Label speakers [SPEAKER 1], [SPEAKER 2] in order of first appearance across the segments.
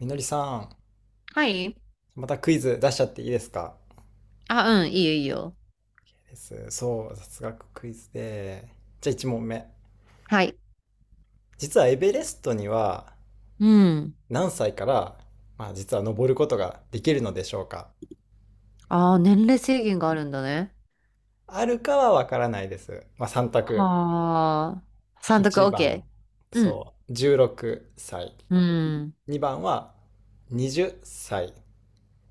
[SPEAKER 1] みのりさん、
[SPEAKER 2] はい。
[SPEAKER 1] またクイズ出しちゃっていいですか？
[SPEAKER 2] あ、うん、いいよ、いいよ。
[SPEAKER 1] です。そう、雑学クイズで。じゃあ1問目。
[SPEAKER 2] はい。
[SPEAKER 1] 実はエベレストには
[SPEAKER 2] うん。
[SPEAKER 1] 何歳から、実は登ることができるのでしょうか？
[SPEAKER 2] ああ、年齢制限があるんだね。
[SPEAKER 1] あるかはわからないです。まあ3択。
[SPEAKER 2] はあ。三択
[SPEAKER 1] 1番、
[SPEAKER 2] OK。うん。
[SPEAKER 1] そう、16歳。
[SPEAKER 2] うん。
[SPEAKER 1] 2番は20歳。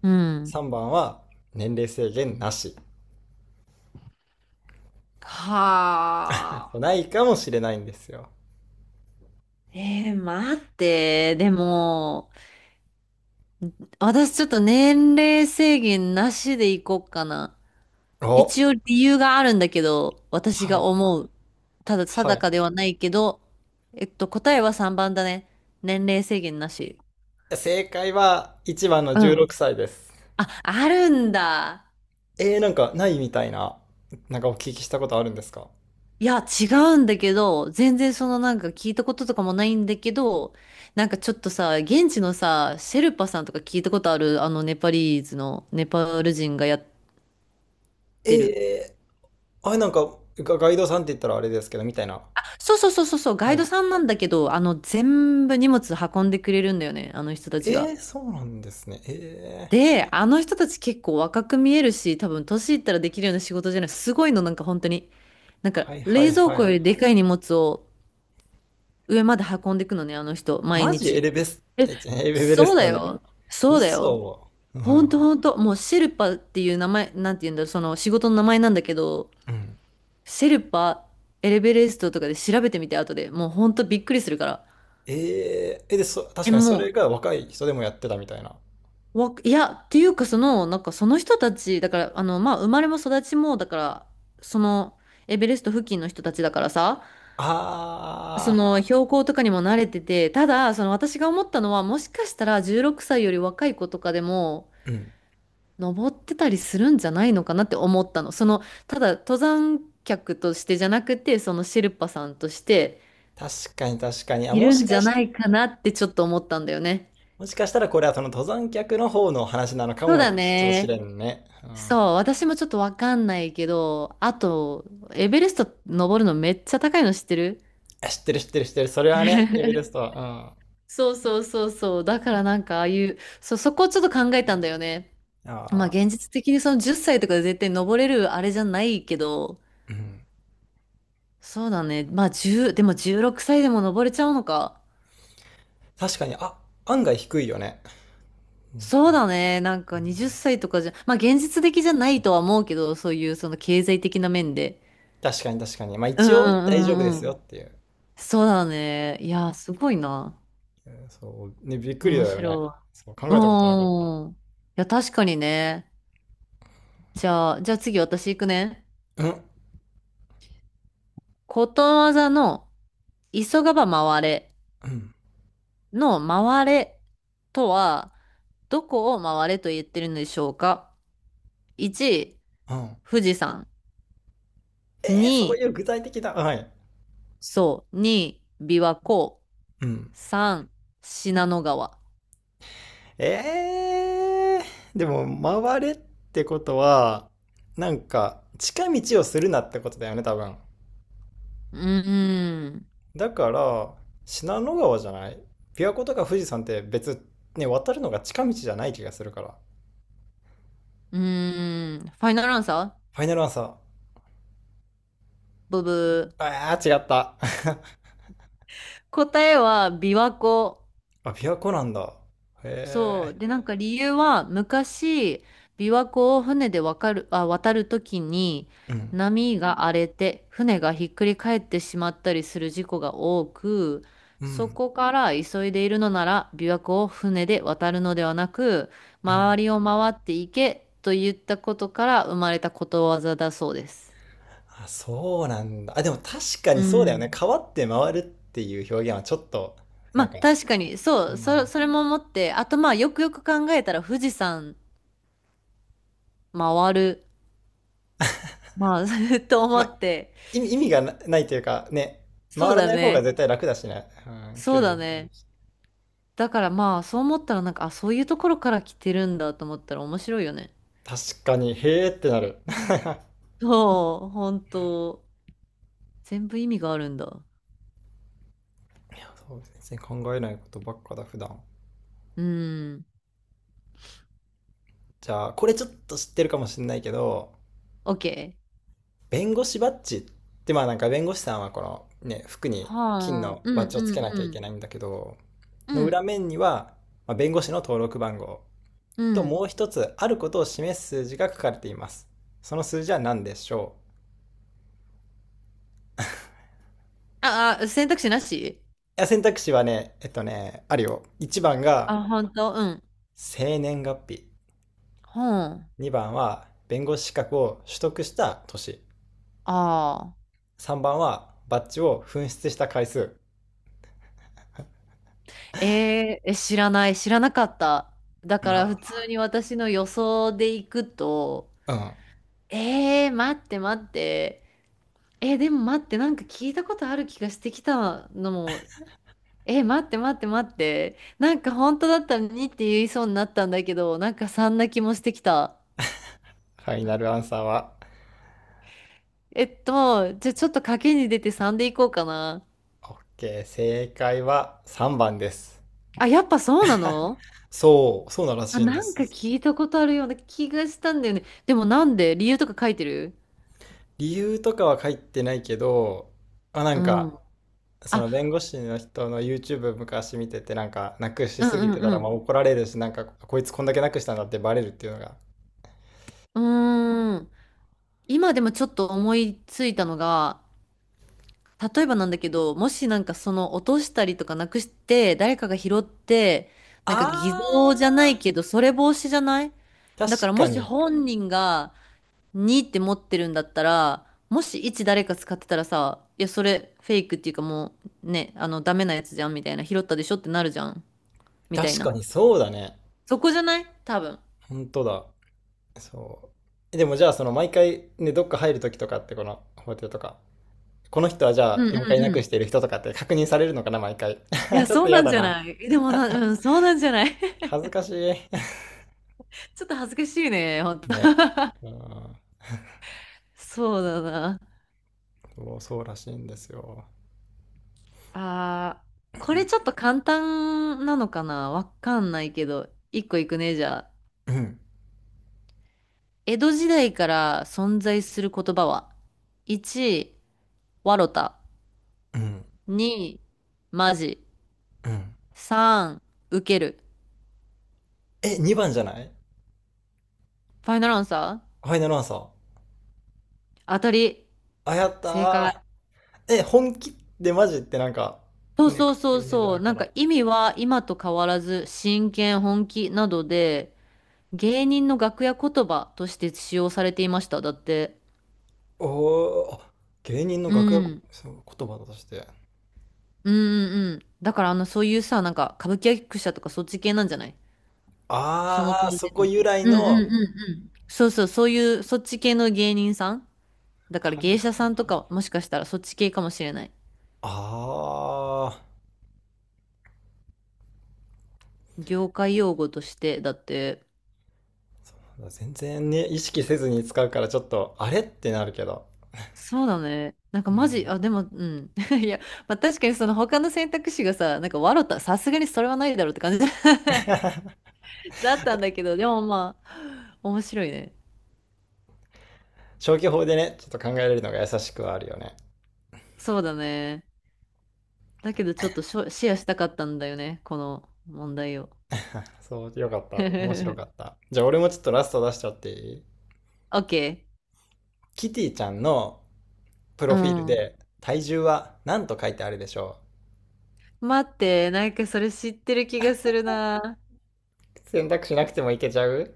[SPEAKER 2] うん。
[SPEAKER 1] 3番は年齢制限なし。
[SPEAKER 2] はあ。
[SPEAKER 1] ないかもしれないんですよ。
[SPEAKER 2] 待って。でも、私ちょっと年齢制限なしでいこうかな。
[SPEAKER 1] お、
[SPEAKER 2] 一応理由があるんだけど、私
[SPEAKER 1] は
[SPEAKER 2] が
[SPEAKER 1] い、
[SPEAKER 2] 思う。ただ
[SPEAKER 1] は
[SPEAKER 2] 定か
[SPEAKER 1] い。
[SPEAKER 2] ではないけど、答えは3番だね。年齢制限なし。
[SPEAKER 1] 正解は1番の
[SPEAKER 2] う
[SPEAKER 1] 16
[SPEAKER 2] ん。
[SPEAKER 1] 歳です。
[SPEAKER 2] あ、あるんだ。
[SPEAKER 1] えー、なんかないみたいな、なんかお聞きしたことあるんですか？
[SPEAKER 2] いや、違うんだけど、全然そのなんか聞いたこととかもないんだけど、なんかちょっとさ、現地のさ、シェルパさんとか聞いたことある、あのネパリーズのネパール人がやってる。
[SPEAKER 1] えー、あれなんかガイドさんって言ったらあれですけど、みたいな。
[SPEAKER 2] そうそうそうそうそう、ガ
[SPEAKER 1] は
[SPEAKER 2] イド
[SPEAKER 1] い。
[SPEAKER 2] さんなんだけど、あの全部荷物運んでくれるんだよね、あの人たち
[SPEAKER 1] え
[SPEAKER 2] が。
[SPEAKER 1] ー、そうなんですね。えー、
[SPEAKER 2] で、あの人たち結構若く見えるし、多分年いったらできるような仕事じゃない。すごいの、なんか本当に。なんか
[SPEAKER 1] はいは
[SPEAKER 2] 冷
[SPEAKER 1] い
[SPEAKER 2] 蔵
[SPEAKER 1] は
[SPEAKER 2] 庫よ
[SPEAKER 1] い。
[SPEAKER 2] りでかい荷物を上まで運んでいくのね、あの人、毎
[SPEAKER 1] マジエ
[SPEAKER 2] 日。
[SPEAKER 1] レベス、
[SPEAKER 2] え、
[SPEAKER 1] え、ちエベレ
[SPEAKER 2] そう
[SPEAKER 1] ス
[SPEAKER 2] だ
[SPEAKER 1] トに。
[SPEAKER 2] よ。そうだよ。
[SPEAKER 1] 嘘。う
[SPEAKER 2] ほん
[SPEAKER 1] ん。
[SPEAKER 2] とほんと。もうシェルパっていう名前、なんて言うんだろう、その仕事の名前なんだけど、
[SPEAKER 1] うん。
[SPEAKER 2] シェルパ、エレベレストとかで調べてみて、後で。もうほんとびっくりするから。
[SPEAKER 1] えー、え、で、そ、確
[SPEAKER 2] え、
[SPEAKER 1] かにそ
[SPEAKER 2] も
[SPEAKER 1] れが若い人でもやってたみたいな。
[SPEAKER 2] う、わ、いや、っていうかその、なんかその人たち、だから、あの、まあ、生まれも育ちも、だから、その、エベレスト付近の人たちだからさ、そ
[SPEAKER 1] あ
[SPEAKER 2] の標高とかにも慣れてて、ただ、その私が思ったのは、もしかしたら16歳より若い子とかでも、
[SPEAKER 1] ー、うん。
[SPEAKER 2] 登ってたりするんじゃないのかなって思ったの。その、ただ登山客としてじゃなくて、そのシェルパさんとして
[SPEAKER 1] 確かに確かに。
[SPEAKER 2] いるんじゃないかなってちょっと思ったんだよね。
[SPEAKER 1] もしかしたらこれはその登山客の方の話なのか
[SPEAKER 2] そうだ
[SPEAKER 1] もし
[SPEAKER 2] ね。
[SPEAKER 1] れんね。う
[SPEAKER 2] そ
[SPEAKER 1] ん、
[SPEAKER 2] う、私もちょっとわかんないけど、あと、エベレスト登るのめっちゃ高いの知ってる？
[SPEAKER 1] 知ってる知ってる知ってる。それはね、エベレスト は。
[SPEAKER 2] そうそうそうそう。だからなんかああいう、そう、そこをちょっと考えたんだよね。
[SPEAKER 1] うん、
[SPEAKER 2] まあ
[SPEAKER 1] あ
[SPEAKER 2] 現実的にその10歳とかで絶対登れるあれじゃないけど、
[SPEAKER 1] ーうん、
[SPEAKER 2] そうだね。まあ、1でも16歳でも登れちゃうのか。
[SPEAKER 1] 確かに、あ、案外低いよね。うん、
[SPEAKER 2] そうだね。なんか20歳とかじゃ、まあ現実的じゃないとは思うけど、そういうその経済的な面で。
[SPEAKER 1] 確かに確かに。まあ
[SPEAKER 2] うんう
[SPEAKER 1] 一応大丈夫で
[SPEAKER 2] んうんう
[SPEAKER 1] すよ
[SPEAKER 2] ん。
[SPEAKER 1] っていう。
[SPEAKER 2] そうだね。いや、すごいな。
[SPEAKER 1] うんそう、ね、びっくりだ
[SPEAKER 2] 面
[SPEAKER 1] よね。
[SPEAKER 2] 白
[SPEAKER 1] そう、考
[SPEAKER 2] い。
[SPEAKER 1] えたことなかっ
[SPEAKER 2] うん。いや、確かにね。じゃあ次私行くね。
[SPEAKER 1] た。うん、
[SPEAKER 2] ことわざの急がば回れ
[SPEAKER 1] うん、
[SPEAKER 2] の回れとは、どこを回れと言ってるのでしょうか ?1、
[SPEAKER 1] うん。
[SPEAKER 2] 富士山。
[SPEAKER 1] えー、そう
[SPEAKER 2] 2、
[SPEAKER 1] いう具体的な。はい。
[SPEAKER 2] そう、2、琵琶湖。
[SPEAKER 1] うん。
[SPEAKER 2] 3、信濃川。
[SPEAKER 1] えー、でも、回れってことは、なんか、近道をするなってことだよね、多分。
[SPEAKER 2] うーん。
[SPEAKER 1] だから、信濃川じゃない？琵琶湖とか富士山って別、ね、渡るのが近道じゃない気がするから。
[SPEAKER 2] うーん。ファイナルアンサー？
[SPEAKER 1] ファイナルアンサー。
[SPEAKER 2] ブブー。
[SPEAKER 1] ああ、違った。
[SPEAKER 2] 答えは琵琶湖。
[SPEAKER 1] あ、琵琶湖なんだ。
[SPEAKER 2] そう。
[SPEAKER 1] へ
[SPEAKER 2] で、なんか理由は、昔、琵琶湖を船でわかる、あ、渡るときに、
[SPEAKER 1] え。うん。
[SPEAKER 2] 波が荒れて、船がひっくり返ってしまったりする事故が多く、
[SPEAKER 1] う
[SPEAKER 2] そ
[SPEAKER 1] ん。
[SPEAKER 2] こから急いでいるのなら、琵琶湖を船で渡るのではなく、
[SPEAKER 1] うん。
[SPEAKER 2] 周りを回っていけと言ったことから生まれたことわざだそうです。
[SPEAKER 1] あ、そうなんだ。あ、でも確か
[SPEAKER 2] う
[SPEAKER 1] にそうだよね。
[SPEAKER 2] ん。
[SPEAKER 1] 川って回るっていう表現はちょっと、な
[SPEAKER 2] まあ
[SPEAKER 1] んか、
[SPEAKER 2] 確かにそう
[SPEAKER 1] ま
[SPEAKER 2] そ、
[SPEAKER 1] あ、
[SPEAKER 2] それも思ってあとまあよくよく考えたら富士山回るまあ と思
[SPEAKER 1] ま
[SPEAKER 2] っ
[SPEAKER 1] あ
[SPEAKER 2] て、
[SPEAKER 1] 意味がないというか、ね、
[SPEAKER 2] そう
[SPEAKER 1] 回ら
[SPEAKER 2] だ
[SPEAKER 1] ない方
[SPEAKER 2] ね。
[SPEAKER 1] が絶対楽だしね。うん、
[SPEAKER 2] そ
[SPEAKER 1] 距
[SPEAKER 2] う
[SPEAKER 1] 離
[SPEAKER 2] だ
[SPEAKER 1] 短い
[SPEAKER 2] ね。
[SPEAKER 1] し。
[SPEAKER 2] だからまあ、そう思ったらなんか、あ、そういうところから来てるんだと思ったら面白いよね。
[SPEAKER 1] 確かに、へえってなる。
[SPEAKER 2] そう、本当。全部意味があるんだ。
[SPEAKER 1] そうですね、考えないことばっかだ普段。
[SPEAKER 2] うん。
[SPEAKER 1] じゃあこれちょっと知ってるかもしれないけど、
[SPEAKER 2] OK。
[SPEAKER 1] 弁護士バッジってまあなんか弁護士さんはこのね服に金
[SPEAKER 2] はあ。
[SPEAKER 1] の
[SPEAKER 2] うん
[SPEAKER 1] バッジをつけなき
[SPEAKER 2] う
[SPEAKER 1] ゃいけ
[SPEAKER 2] ん
[SPEAKER 1] ないんだけど
[SPEAKER 2] うん。
[SPEAKER 1] の
[SPEAKER 2] う
[SPEAKER 1] 裏
[SPEAKER 2] ん。
[SPEAKER 1] 面には、まあ、弁護士の登録番号
[SPEAKER 2] う
[SPEAKER 1] と
[SPEAKER 2] ん。
[SPEAKER 1] もう一つあることを示す数字が書かれています。その数字は何でしょう？
[SPEAKER 2] あ、あ、選択肢なし？
[SPEAKER 1] いや選択肢はね、ねあるよ。1番が
[SPEAKER 2] あ、本当？うん。
[SPEAKER 1] 生年月日、
[SPEAKER 2] ほん。あ
[SPEAKER 1] 2番は弁護士資格を取得した年、
[SPEAKER 2] あ。
[SPEAKER 1] 3番はバッジを紛失した回数。
[SPEAKER 2] え知らない。知らなかった。だから普
[SPEAKER 1] あ、
[SPEAKER 2] 通に私の予想でいくと、
[SPEAKER 1] うん。
[SPEAKER 2] 待って待って。え、でも待って、なんか聞いたことある気がしてきたのも、え、待って待って待って、なんか本当だったら2って言いそうになったんだけど、なんか3な気もしてきた。
[SPEAKER 1] ファイナルアンサーは、
[SPEAKER 2] じゃあちょっと賭けに出て3でいこうかな。
[SPEAKER 1] OK。正解は3番です。
[SPEAKER 2] あ、やっぱそうなの？
[SPEAKER 1] そう、そうなら
[SPEAKER 2] あ、
[SPEAKER 1] しいんで
[SPEAKER 2] なんか
[SPEAKER 1] す。
[SPEAKER 2] 聞いたことあるような気がしたんだよね。でもなんで理由とか書いてる？
[SPEAKER 1] 理由とかは書いてないけど、まあ、な
[SPEAKER 2] う
[SPEAKER 1] んか、
[SPEAKER 2] ん。
[SPEAKER 1] その弁
[SPEAKER 2] あ、
[SPEAKER 1] 護士の人の YouTube 昔見てて、なんか、なくし
[SPEAKER 2] う
[SPEAKER 1] すぎ
[SPEAKER 2] ん
[SPEAKER 1] てた
[SPEAKER 2] う
[SPEAKER 1] ら、ま
[SPEAKER 2] ん
[SPEAKER 1] あ怒られるし、なんか、こいつこんだけなくしたんだってバレるっていうのが。
[SPEAKER 2] うん。うーん。今でもちょっと思いついたのが、例えばなんだけど、もしなんかその落としたりとかなくして、誰かが拾って、なんか偽
[SPEAKER 1] あ
[SPEAKER 2] 造じゃないけど、それ防止じゃない？だ
[SPEAKER 1] ー、
[SPEAKER 2] か
[SPEAKER 1] 確
[SPEAKER 2] ら
[SPEAKER 1] か
[SPEAKER 2] もし
[SPEAKER 1] に。
[SPEAKER 2] 本人が2って持ってるんだったら、もし1誰か使ってたらさ、いや、それフェイクっていうかもうね、あの、ダメなやつじゃんみたいな、拾ったでしょってなるじゃんみたい
[SPEAKER 1] 確
[SPEAKER 2] な。
[SPEAKER 1] かにそうだね。
[SPEAKER 2] そこじゃない？多分。
[SPEAKER 1] 本当だ。そう。でもじゃあ、その毎回ね、どっか入るときとかって、この法廷とか、この人はじゃ
[SPEAKER 2] う
[SPEAKER 1] あ
[SPEAKER 2] んうん
[SPEAKER 1] 4回な
[SPEAKER 2] う
[SPEAKER 1] くし
[SPEAKER 2] ん。
[SPEAKER 1] ている人とかって確認されるのかな、毎回。
[SPEAKER 2] い や、
[SPEAKER 1] ちょっ
[SPEAKER 2] そ
[SPEAKER 1] と
[SPEAKER 2] うな
[SPEAKER 1] 嫌
[SPEAKER 2] ん
[SPEAKER 1] だ
[SPEAKER 2] じゃ
[SPEAKER 1] な。
[SPEAKER 2] ない？え、でもな、うん、そうなんじゃない？
[SPEAKER 1] 恥ずかしい。
[SPEAKER 2] ちょっと恥ずかしいね、ほん と。
[SPEAKER 1] ね。う ん。
[SPEAKER 2] そうだな。
[SPEAKER 1] そう、そうらしいんですよ。
[SPEAKER 2] あこれちょっと簡単なのかなわかんないけど、一個いくね、じゃあ。
[SPEAKER 1] うん。
[SPEAKER 2] 江戸時代から存在する言葉は ?1、わろた。
[SPEAKER 1] うん。
[SPEAKER 2] 2、まじ。
[SPEAKER 1] うん。
[SPEAKER 2] 3、受ける。
[SPEAKER 1] え、2番じゃない？
[SPEAKER 2] ファイナルアンサー？
[SPEAKER 1] ファイナルアンサー。
[SPEAKER 2] 当たり。
[SPEAKER 1] あ、やっ
[SPEAKER 2] 正解。
[SPEAKER 1] たー。え、本気でマジってなんか、
[SPEAKER 2] そう
[SPEAKER 1] ね、
[SPEAKER 2] そう
[SPEAKER 1] 書
[SPEAKER 2] そ
[SPEAKER 1] く
[SPEAKER 2] う
[SPEAKER 1] イメージあ
[SPEAKER 2] そう。
[SPEAKER 1] る
[SPEAKER 2] な
[SPEAKER 1] か
[SPEAKER 2] ん
[SPEAKER 1] ら。
[SPEAKER 2] か意味は今と変わらず、真剣、本気などで、芸人の楽屋言葉として使用されていました。だって。
[SPEAKER 1] おー、あ、芸人の
[SPEAKER 2] う
[SPEAKER 1] 楽屋こ
[SPEAKER 2] ん。
[SPEAKER 1] そう言葉として。
[SPEAKER 2] うんうんうん。だからあの、そういうさ、なんか歌舞伎役者とかそっち系なんじゃない？その
[SPEAKER 1] あ
[SPEAKER 2] 当
[SPEAKER 1] ー、そ
[SPEAKER 2] 時
[SPEAKER 1] こ
[SPEAKER 2] の。
[SPEAKER 1] 由来
[SPEAKER 2] うんうんう
[SPEAKER 1] の、
[SPEAKER 2] んうん。そうそう、そういう、そっち系の芸人さんだから
[SPEAKER 1] はい。
[SPEAKER 2] 芸者さんとかもしかしたらそっち系かもしれない。
[SPEAKER 1] ああ、
[SPEAKER 2] 業界用語として、だって、
[SPEAKER 1] そうなんだ。全然ね、意識せずに使うからちょっと、あれってなるけど。
[SPEAKER 2] そうだね。なんか
[SPEAKER 1] うん。
[SPEAKER 2] マジ、あ、でも、うん。いや、まあ、確かにその他の選択肢がさ、なんか笑った、さすがにそれはないだろうって感じ だったんだけど、でもまあ、面白いね。
[SPEAKER 1] 消去法でね、ちょっと考えれるのが優しくはあるよね。
[SPEAKER 2] そうだね。だけどちょっとしょシェアしたかったんだよね、この問題を。
[SPEAKER 1] そう、よかった。面白かっ た。じゃあ俺もちょっとラスト出しちゃっていい？
[SPEAKER 2] OK。
[SPEAKER 1] キティちゃんのプロ
[SPEAKER 2] う
[SPEAKER 1] フィール
[SPEAKER 2] ん。
[SPEAKER 1] で体重は何と書いてあるでしょ
[SPEAKER 2] 待って、なんかそれ知ってる気がするな。
[SPEAKER 1] う？選択しなくてもいけちゃう？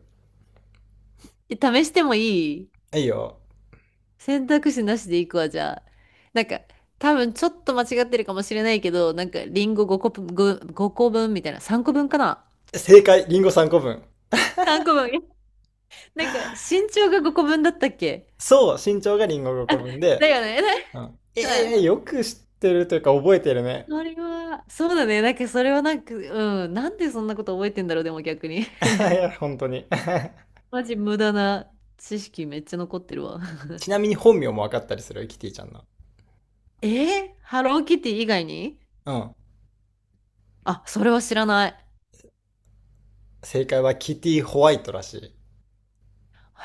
[SPEAKER 2] え試してもいい？
[SPEAKER 1] いいよ。
[SPEAKER 2] 選択肢なしでいくわ、じゃあ。なんか、多分ちょっと間違ってるかもしれないけど、なんかリンゴ5個分、5個分みたいな、3個分かな
[SPEAKER 1] 正解、リンゴ3個分。
[SPEAKER 2] ?3 個分。なんか身長が5個分だったっけ？
[SPEAKER 1] そう、身長がリンゴ5個分
[SPEAKER 2] だ
[SPEAKER 1] で。
[SPEAKER 2] よね。
[SPEAKER 1] うん。
[SPEAKER 2] は
[SPEAKER 1] え
[SPEAKER 2] い。
[SPEAKER 1] え、よく知ってるというか覚えてるね。
[SPEAKER 2] それは、そうだね。なんかそれはなんか、うん。なんでそんなこと覚えてんだろう、でも逆に。
[SPEAKER 1] いや、本当に。
[SPEAKER 2] マジ無駄な知識めっちゃ残ってるわ。
[SPEAKER 1] ちなみに本名も分かったりする、キティちゃんの。
[SPEAKER 2] え、ハローキティ以外に？
[SPEAKER 1] うん。
[SPEAKER 2] あ、それは知らない。
[SPEAKER 1] 正解はキティホワイトらし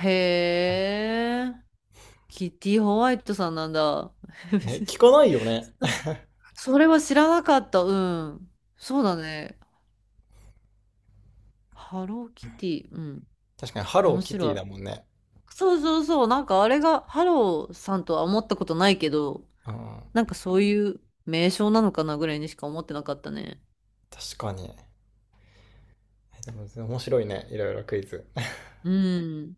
[SPEAKER 2] へえ、キティホワイトさんなんだ。
[SPEAKER 1] い。ね、聞かないよね。
[SPEAKER 2] それは知らなかった。うん。そうだね。ハローキティ。うん。
[SPEAKER 1] 確かに、ハロ
[SPEAKER 2] 面
[SPEAKER 1] ーキテ
[SPEAKER 2] 白
[SPEAKER 1] ィ
[SPEAKER 2] い。
[SPEAKER 1] だもんね。
[SPEAKER 2] そうそうそう。なんかあれがハローさんとは思ったことないけど、
[SPEAKER 1] うん。
[SPEAKER 2] なんかそういう名称なのかなぐらいにしか思ってなかったね。
[SPEAKER 1] 確かに。でも面白いね、いろいろクイズ。
[SPEAKER 2] うん。